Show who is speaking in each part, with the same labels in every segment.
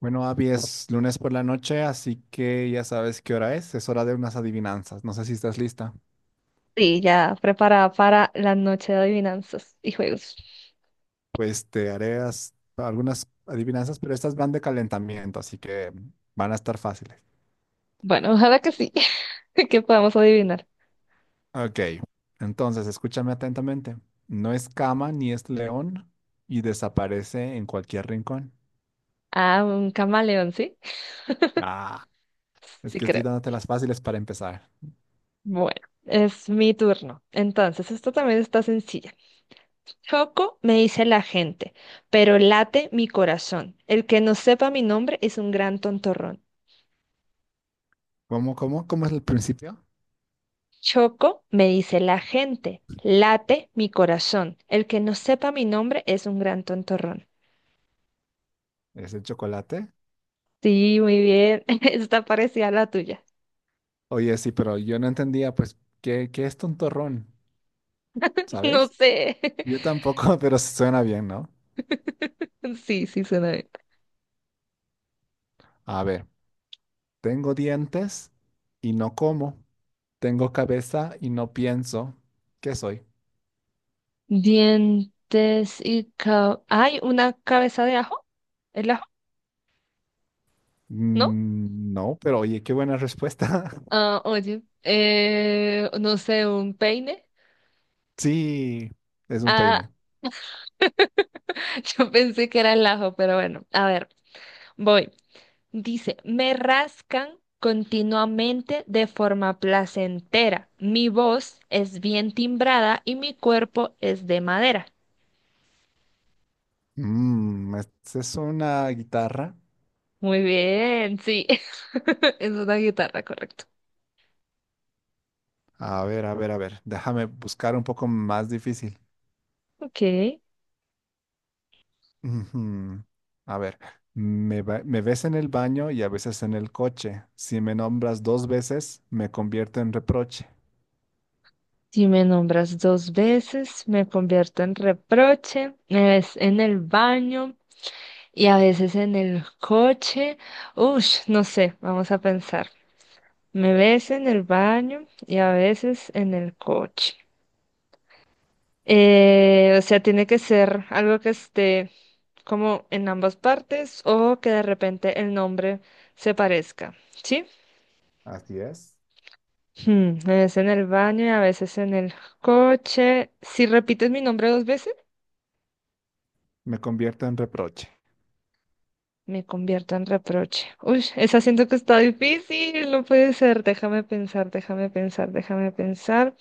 Speaker 1: Bueno, Abby, es lunes por la noche, así que ya sabes qué hora es. Es hora de unas adivinanzas. No sé si estás lista.
Speaker 2: Sí, ya preparada para la noche de adivinanzas y juegos.
Speaker 1: Pues te haré algunas adivinanzas, pero estas van de calentamiento, así que van a estar fáciles.
Speaker 2: Bueno, ojalá que sí, que podamos adivinar.
Speaker 1: Ok, entonces escúchame atentamente. No es cama ni es león y desaparece en cualquier rincón.
Speaker 2: Ah, un camaleón, ¿sí?
Speaker 1: Ah, es
Speaker 2: Sí
Speaker 1: que estoy
Speaker 2: creo.
Speaker 1: dándote las fáciles para empezar.
Speaker 2: Bueno, es mi turno. Entonces, esto también está sencilla. Choco me dice la gente, pero late mi corazón. El que no sepa mi nombre es un gran tontorrón.
Speaker 1: ¿Cómo es el principio?
Speaker 2: Choco me dice la gente, late mi corazón. El que no sepa mi nombre es un gran tontorrón.
Speaker 1: ¿Es el chocolate?
Speaker 2: Sí, muy bien. Está parecida a la tuya.
Speaker 1: Oye, sí, pero yo no entendía, pues, ¿qué es tontorrón?
Speaker 2: No
Speaker 1: ¿Sabes?
Speaker 2: sé.
Speaker 1: Yo tampoco, pero sí suena bien, ¿no?
Speaker 2: Sí, sí, suena bien.
Speaker 1: A ver, tengo dientes y no como. Tengo cabeza y no pienso. ¿Qué soy?
Speaker 2: Dientes y cab... ¿Hay una cabeza de ajo? ¿El ajo? ¿No?
Speaker 1: Mm, no, pero oye, qué buena respuesta.
Speaker 2: Ah, oye, no sé, un peine.
Speaker 1: Sí, es un
Speaker 2: Ah,
Speaker 1: peine.
Speaker 2: yo pensé que era el ajo, pero bueno, a ver, voy. Dice, me rascan continuamente de forma placentera. Mi voz es bien timbrada y mi cuerpo es de madera.
Speaker 1: Mm, ¿es una guitarra?
Speaker 2: Muy bien, sí. Es una guitarra, correcto.
Speaker 1: A ver, a ver, a ver. Déjame buscar un poco más difícil.
Speaker 2: Ok.
Speaker 1: Ujú. A ver, me ves en el baño y a veces en el coche. Si me nombras dos veces, me convierto en reproche.
Speaker 2: Si me nombras dos veces, me convierto en reproche, es en el baño y a veces en el coche. Ush, no sé, vamos a pensar. Me ves en el baño y a veces en el coche. O sea, tiene que ser algo que esté como en ambas partes o que de repente el nombre se parezca, ¿sí?
Speaker 1: Así es.
Speaker 2: Hmm, me ves en el baño y a veces en el coche. Si repites mi nombre dos veces.
Speaker 1: Me convierto en reproche.
Speaker 2: Me convierto en reproche. Uy, esa siento que está difícil, no puede ser. Déjame pensar, déjame pensar, déjame pensar.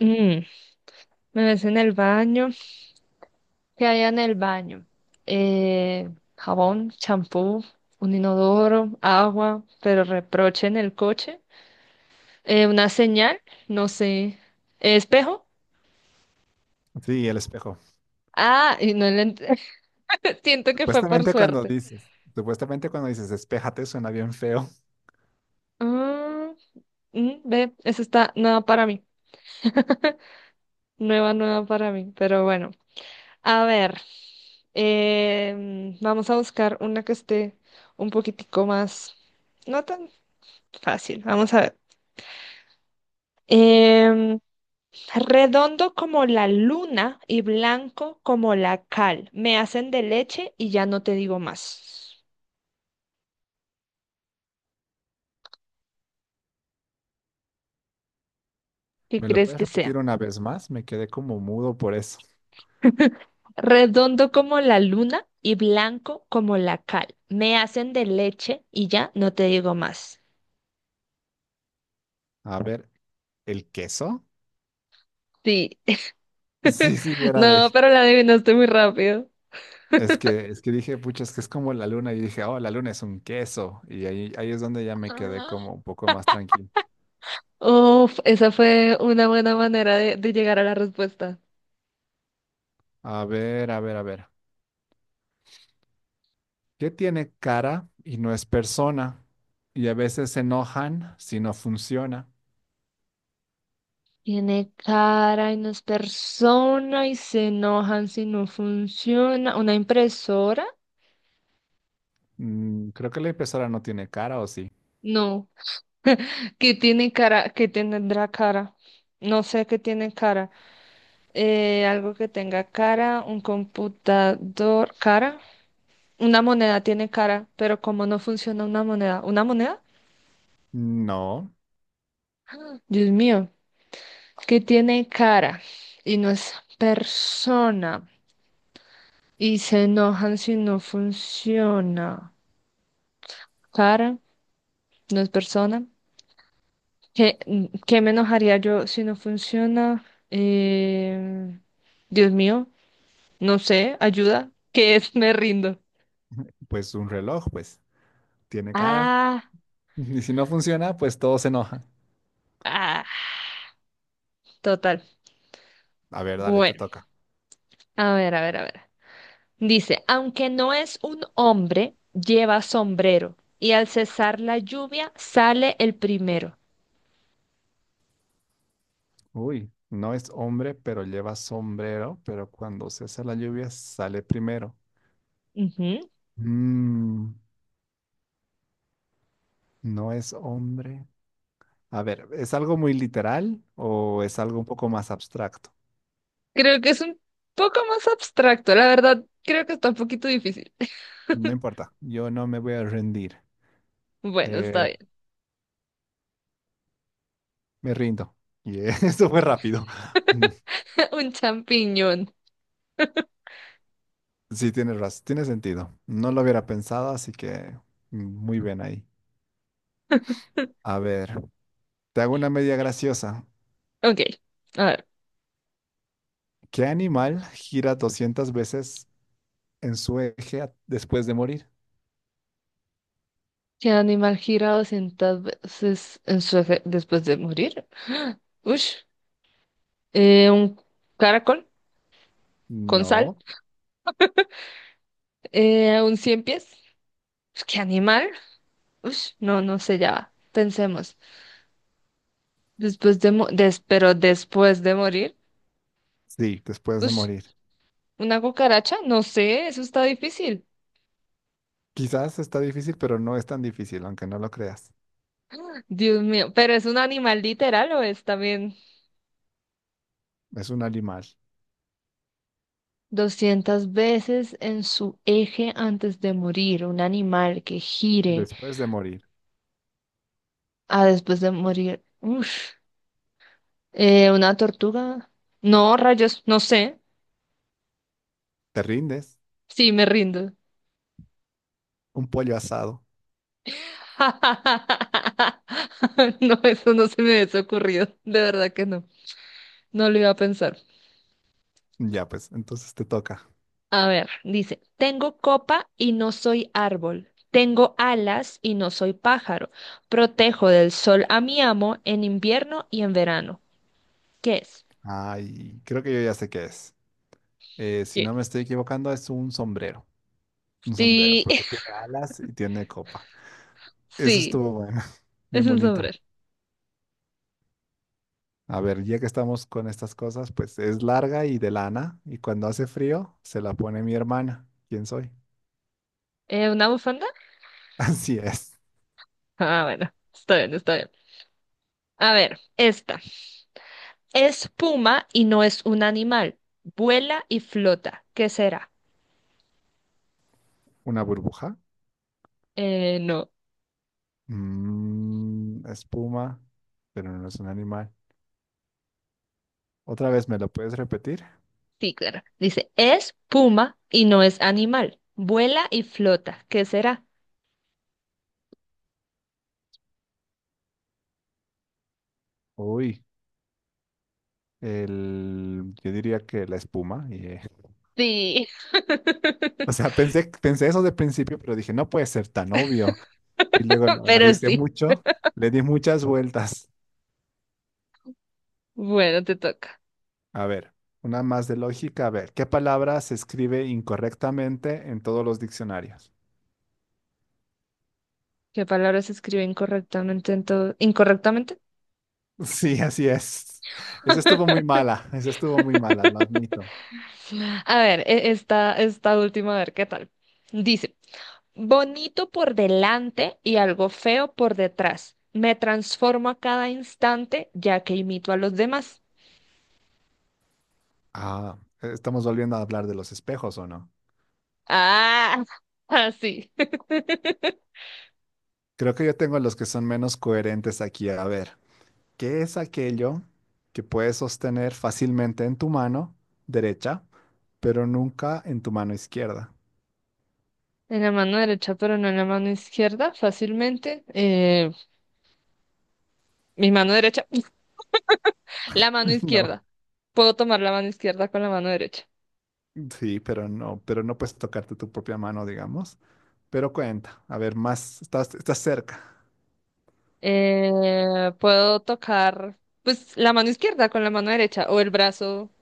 Speaker 2: Mm, me ves en el baño. ¿Qué hay en el baño? Eh, Jabón, champú, un inodoro, agua, pero reproche en el coche. Una señal, no sé. ¿Espejo?
Speaker 1: Sí, el espejo.
Speaker 2: Ah, y no le ent- siento que fue por suerte.
Speaker 1: Supuestamente cuando dices, espéjate, suena bien feo.
Speaker 2: Ah, mm, ve, eso está nueva para mí. Nueva, nueva para mí, pero bueno. A ver, vamos a buscar una que esté un poquitico más, no tan fácil. Vamos a ver. Em, Redondo como la luna y blanco como la cal. Me hacen de leche y ya no te digo más. ¿Qué
Speaker 1: ¿Me lo
Speaker 2: crees
Speaker 1: puedes
Speaker 2: que sea?
Speaker 1: repetir una vez más? Me quedé como mudo por eso.
Speaker 2: Redondo como la luna y blanco como la cal. Me hacen de leche y ya no te digo más.
Speaker 1: A ver, ¿el queso?
Speaker 2: Sí.
Speaker 1: Sí, sí, era
Speaker 2: No,
Speaker 1: de...
Speaker 2: pero la adivinaste muy rápido.
Speaker 1: Es que dije, pucha, es que es como la luna. Y dije, oh, la luna es un queso. Y ahí, ahí es donde ya me quedé como un poco más tranquilo.
Speaker 2: Uf, esa fue una buena manera de llegar a la respuesta.
Speaker 1: A ver, a ver, a ver. ¿Qué tiene cara y no es persona? Y a veces se enojan si no funciona.
Speaker 2: Tiene cara y no es persona y se enojan si no funciona. ¿Una impresora?
Speaker 1: Mm, creo que la impresora no tiene cara, ¿o sí?
Speaker 2: No. ¿Qué tiene cara? ¿Qué tendrá cara? No sé qué tiene cara. Algo que tenga cara, un computador, cara. Una moneda tiene cara, pero ¿cómo no funciona una moneda? ¿Una moneda?
Speaker 1: No,
Speaker 2: Dios mío, ¿qué tiene cara? Y no es persona. Y se enojan si no funciona. Cara, no es persona. ¿Qué, ¿Qué me enojaría yo si no funciona? Eh, Dios mío, no sé, ayuda. ¿Qué es? Me rindo.
Speaker 1: pues un reloj, pues tiene cara.
Speaker 2: Ah,
Speaker 1: Y si no funciona, pues todo se enoja.
Speaker 2: ah, total.
Speaker 1: A ver, dale, te
Speaker 2: Bueno,
Speaker 1: toca.
Speaker 2: a ver, a ver, a ver. Dice, aunque no es un hombre, lleva sombrero y al cesar la lluvia sale el primero.
Speaker 1: Uy, no es hombre, pero lleva sombrero, pero cuando se hace la lluvia sale primero. Mm, no es hombre. A ver, ¿es algo muy literal o es algo un poco más abstracto?
Speaker 2: Creo que es un poco más abstracto, la verdad, creo que está un poquito difícil.
Speaker 1: No importa, yo no me voy a rendir.
Speaker 2: Bueno, está
Speaker 1: Eh,
Speaker 2: bien.
Speaker 1: Me rindo. Y esto fue rápido.
Speaker 2: Un champiñón.
Speaker 1: Sí, tienes razón, tiene sentido. No lo hubiera pensado, así que muy bien ahí. A ver, te hago una media graciosa.
Speaker 2: Ok, a ver.
Speaker 1: ¿Qué animal gira 200 veces en su eje después de morir?
Speaker 2: ¿Qué animal gira 200 veces en su eje después de morir? Ush. Un caracol con sal.
Speaker 1: No,
Speaker 2: Un cien pies. Pues, ¿qué animal? Ush, no, no sé, ya va. Pensemos. Después de, mo- des- Pero después de morir.
Speaker 1: sí, después de
Speaker 2: Ush,
Speaker 1: morir.
Speaker 2: una cucaracha, no sé, eso está difícil.
Speaker 1: Quizás está difícil, pero no es tan difícil, aunque no lo creas.
Speaker 2: Dios mío, ¿pero es un animal literal o es también
Speaker 1: Es un animal
Speaker 2: 200 veces en su eje antes de morir? Un animal que gire
Speaker 1: después de morir.
Speaker 2: a después de morir. Uf. ¿Una tortuga? No, rayos, no sé.
Speaker 1: ¿Te rindes?
Speaker 2: Sí, me rindo.
Speaker 1: Un pollo asado.
Speaker 2: No, eso no se me hubiese ocurrido. De verdad que no. No lo iba a pensar.
Speaker 1: Ya, pues, entonces te toca.
Speaker 2: A ver, dice, tengo copa y no soy árbol, tengo alas y no soy pájaro, protejo del sol a mi amo en invierno y en verano. ¿Qué es?
Speaker 1: Ay, creo que yo ya sé qué es. Si
Speaker 2: ¿Qué
Speaker 1: no
Speaker 2: es?
Speaker 1: me estoy equivocando, es un sombrero. Un sombrero,
Speaker 2: Sí,
Speaker 1: porque tiene alas y tiene copa. Eso
Speaker 2: sí,
Speaker 1: estuvo bueno, bien
Speaker 2: es un
Speaker 1: bonito.
Speaker 2: sombrero.
Speaker 1: A ver, ya que estamos con estas cosas, pues es larga y de lana, y cuando hace frío se la pone mi hermana. ¿Quién soy?
Speaker 2: Una bufanda?
Speaker 1: Así es.
Speaker 2: Ah, bueno, está bien, está bien. A ver, esta. Es puma y no es un animal, vuela y flota. ¿Qué será?
Speaker 1: Una burbuja.
Speaker 2: No,
Speaker 1: Mm, espuma, pero no es un animal. Otra vez, ¿me lo puedes repetir?
Speaker 2: sí, claro. Dice, es puma y no es animal, vuela y flota. ¿Qué será?
Speaker 1: Uy, el, yo diría que la espuma. Y,
Speaker 2: Sí,
Speaker 1: o sea, pensé eso de principio, pero dije, no puede ser tan obvio. Y luego lo
Speaker 2: pero
Speaker 1: analicé
Speaker 2: sí.
Speaker 1: mucho, le di muchas vueltas.
Speaker 2: Bueno, te toca.
Speaker 1: A ver, una más de lógica. A ver, ¿qué palabra se escribe incorrectamente en todos los diccionarios?
Speaker 2: ¿Qué palabra se escribe incorrectamente en todo? ¿Incorrectamente?
Speaker 1: Sí, así es. Esa estuvo muy mala, esa estuvo muy mala, lo admito.
Speaker 2: A ver, esta, esta última, a ver qué tal. Dice, bonito por delante y algo feo por detrás. Me transformo a cada instante ya que imito a los demás.
Speaker 1: Ah, estamos volviendo a hablar de los espejos, ¿o no?
Speaker 2: Ah, así.
Speaker 1: Creo que yo tengo los que son menos coherentes aquí. A ver, ¿qué es aquello que puedes sostener fácilmente en tu mano derecha, pero nunca en tu mano izquierda?
Speaker 2: En la mano derecha, pero no en la mano izquierda, fácilmente. Mi mano derecha. La mano
Speaker 1: No.
Speaker 2: izquierda. Puedo tomar la mano izquierda con la mano derecha.
Speaker 1: Sí, pero no puedes tocarte tu propia mano, digamos. Pero cuenta, a ver, más, estás cerca.
Speaker 2: Puedo tocar, pues, la mano izquierda con la mano derecha o el brazo.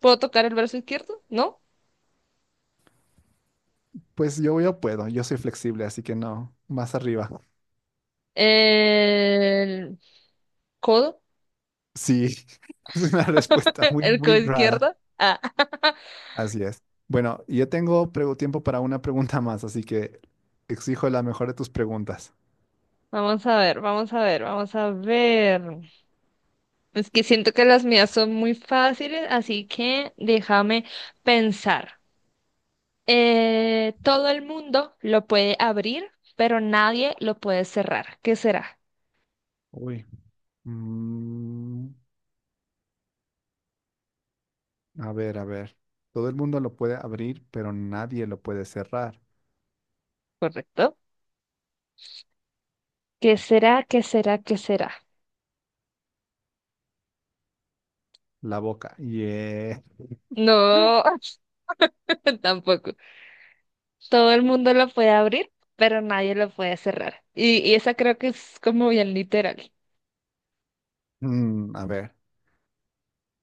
Speaker 2: ¿Puedo tocar el brazo izquierdo? ¿No?
Speaker 1: Pues yo puedo, yo soy flexible, así que no, más arriba.
Speaker 2: El codo,
Speaker 1: Sí, es una respuesta muy,
Speaker 2: el codo
Speaker 1: muy rara.
Speaker 2: izquierdo. Ah.
Speaker 1: Así es. Bueno, y yo tengo tiempo para una pregunta más, así que exijo la mejor de tus preguntas.
Speaker 2: Vamos a ver, vamos a ver, vamos a ver. Es que siento que las mías son muy fáciles, así que déjame pensar. Todo el mundo lo puede abrir, pero nadie lo puede cerrar. ¿Qué será?
Speaker 1: Uy. Mm, a ver, a ver. Todo el mundo lo puede abrir, pero nadie lo puede cerrar.
Speaker 2: ¿Correcto? ¿Qué será? ¿Qué será? ¿Qué será?
Speaker 1: La boca. Yeah.
Speaker 2: No, tampoco. Todo el mundo lo puede abrir, pero nadie lo puede cerrar. Y esa creo que es como bien literal.
Speaker 1: Mm, a ver.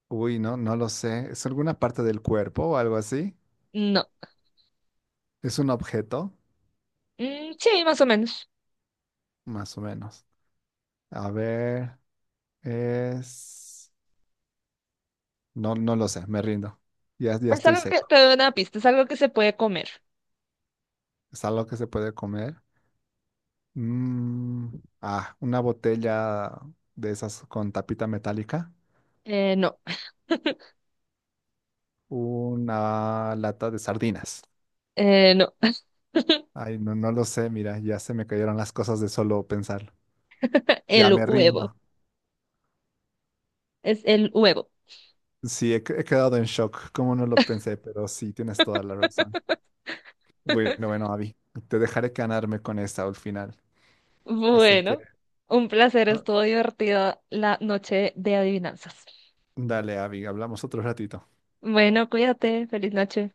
Speaker 1: Uy, no, no lo sé. ¿Es alguna parte del cuerpo o algo así?
Speaker 2: No.
Speaker 1: ¿Es un objeto?
Speaker 2: Mm, sí, más o menos.
Speaker 1: Más o menos. A ver, es... No, no lo sé, me rindo. Ya, ya
Speaker 2: Es
Speaker 1: estoy
Speaker 2: algo que
Speaker 1: seco.
Speaker 2: te doy una pista, es algo que se puede comer.
Speaker 1: ¿Es algo que se puede comer? Mm, ah, una botella de esas con tapita metálica.
Speaker 2: No,
Speaker 1: Una lata de sardinas.
Speaker 2: no.
Speaker 1: Ay, no, no lo sé, mira, ya se me cayeron las cosas de solo pensarlo. Ya
Speaker 2: El
Speaker 1: me rindo.
Speaker 2: huevo. Es el huevo.
Speaker 1: Sí, he, he quedado en shock. ¿Cómo no lo pensé? Pero sí, tienes toda la razón. Bueno, bueno, Abby, te dejaré ganarme con esta al final. Así que,
Speaker 2: Bueno, un placer,
Speaker 1: ah,
Speaker 2: estuvo divertida la noche de adivinanzas.
Speaker 1: dale, Abby, hablamos otro ratito.
Speaker 2: Bueno, cuídate, feliz noche.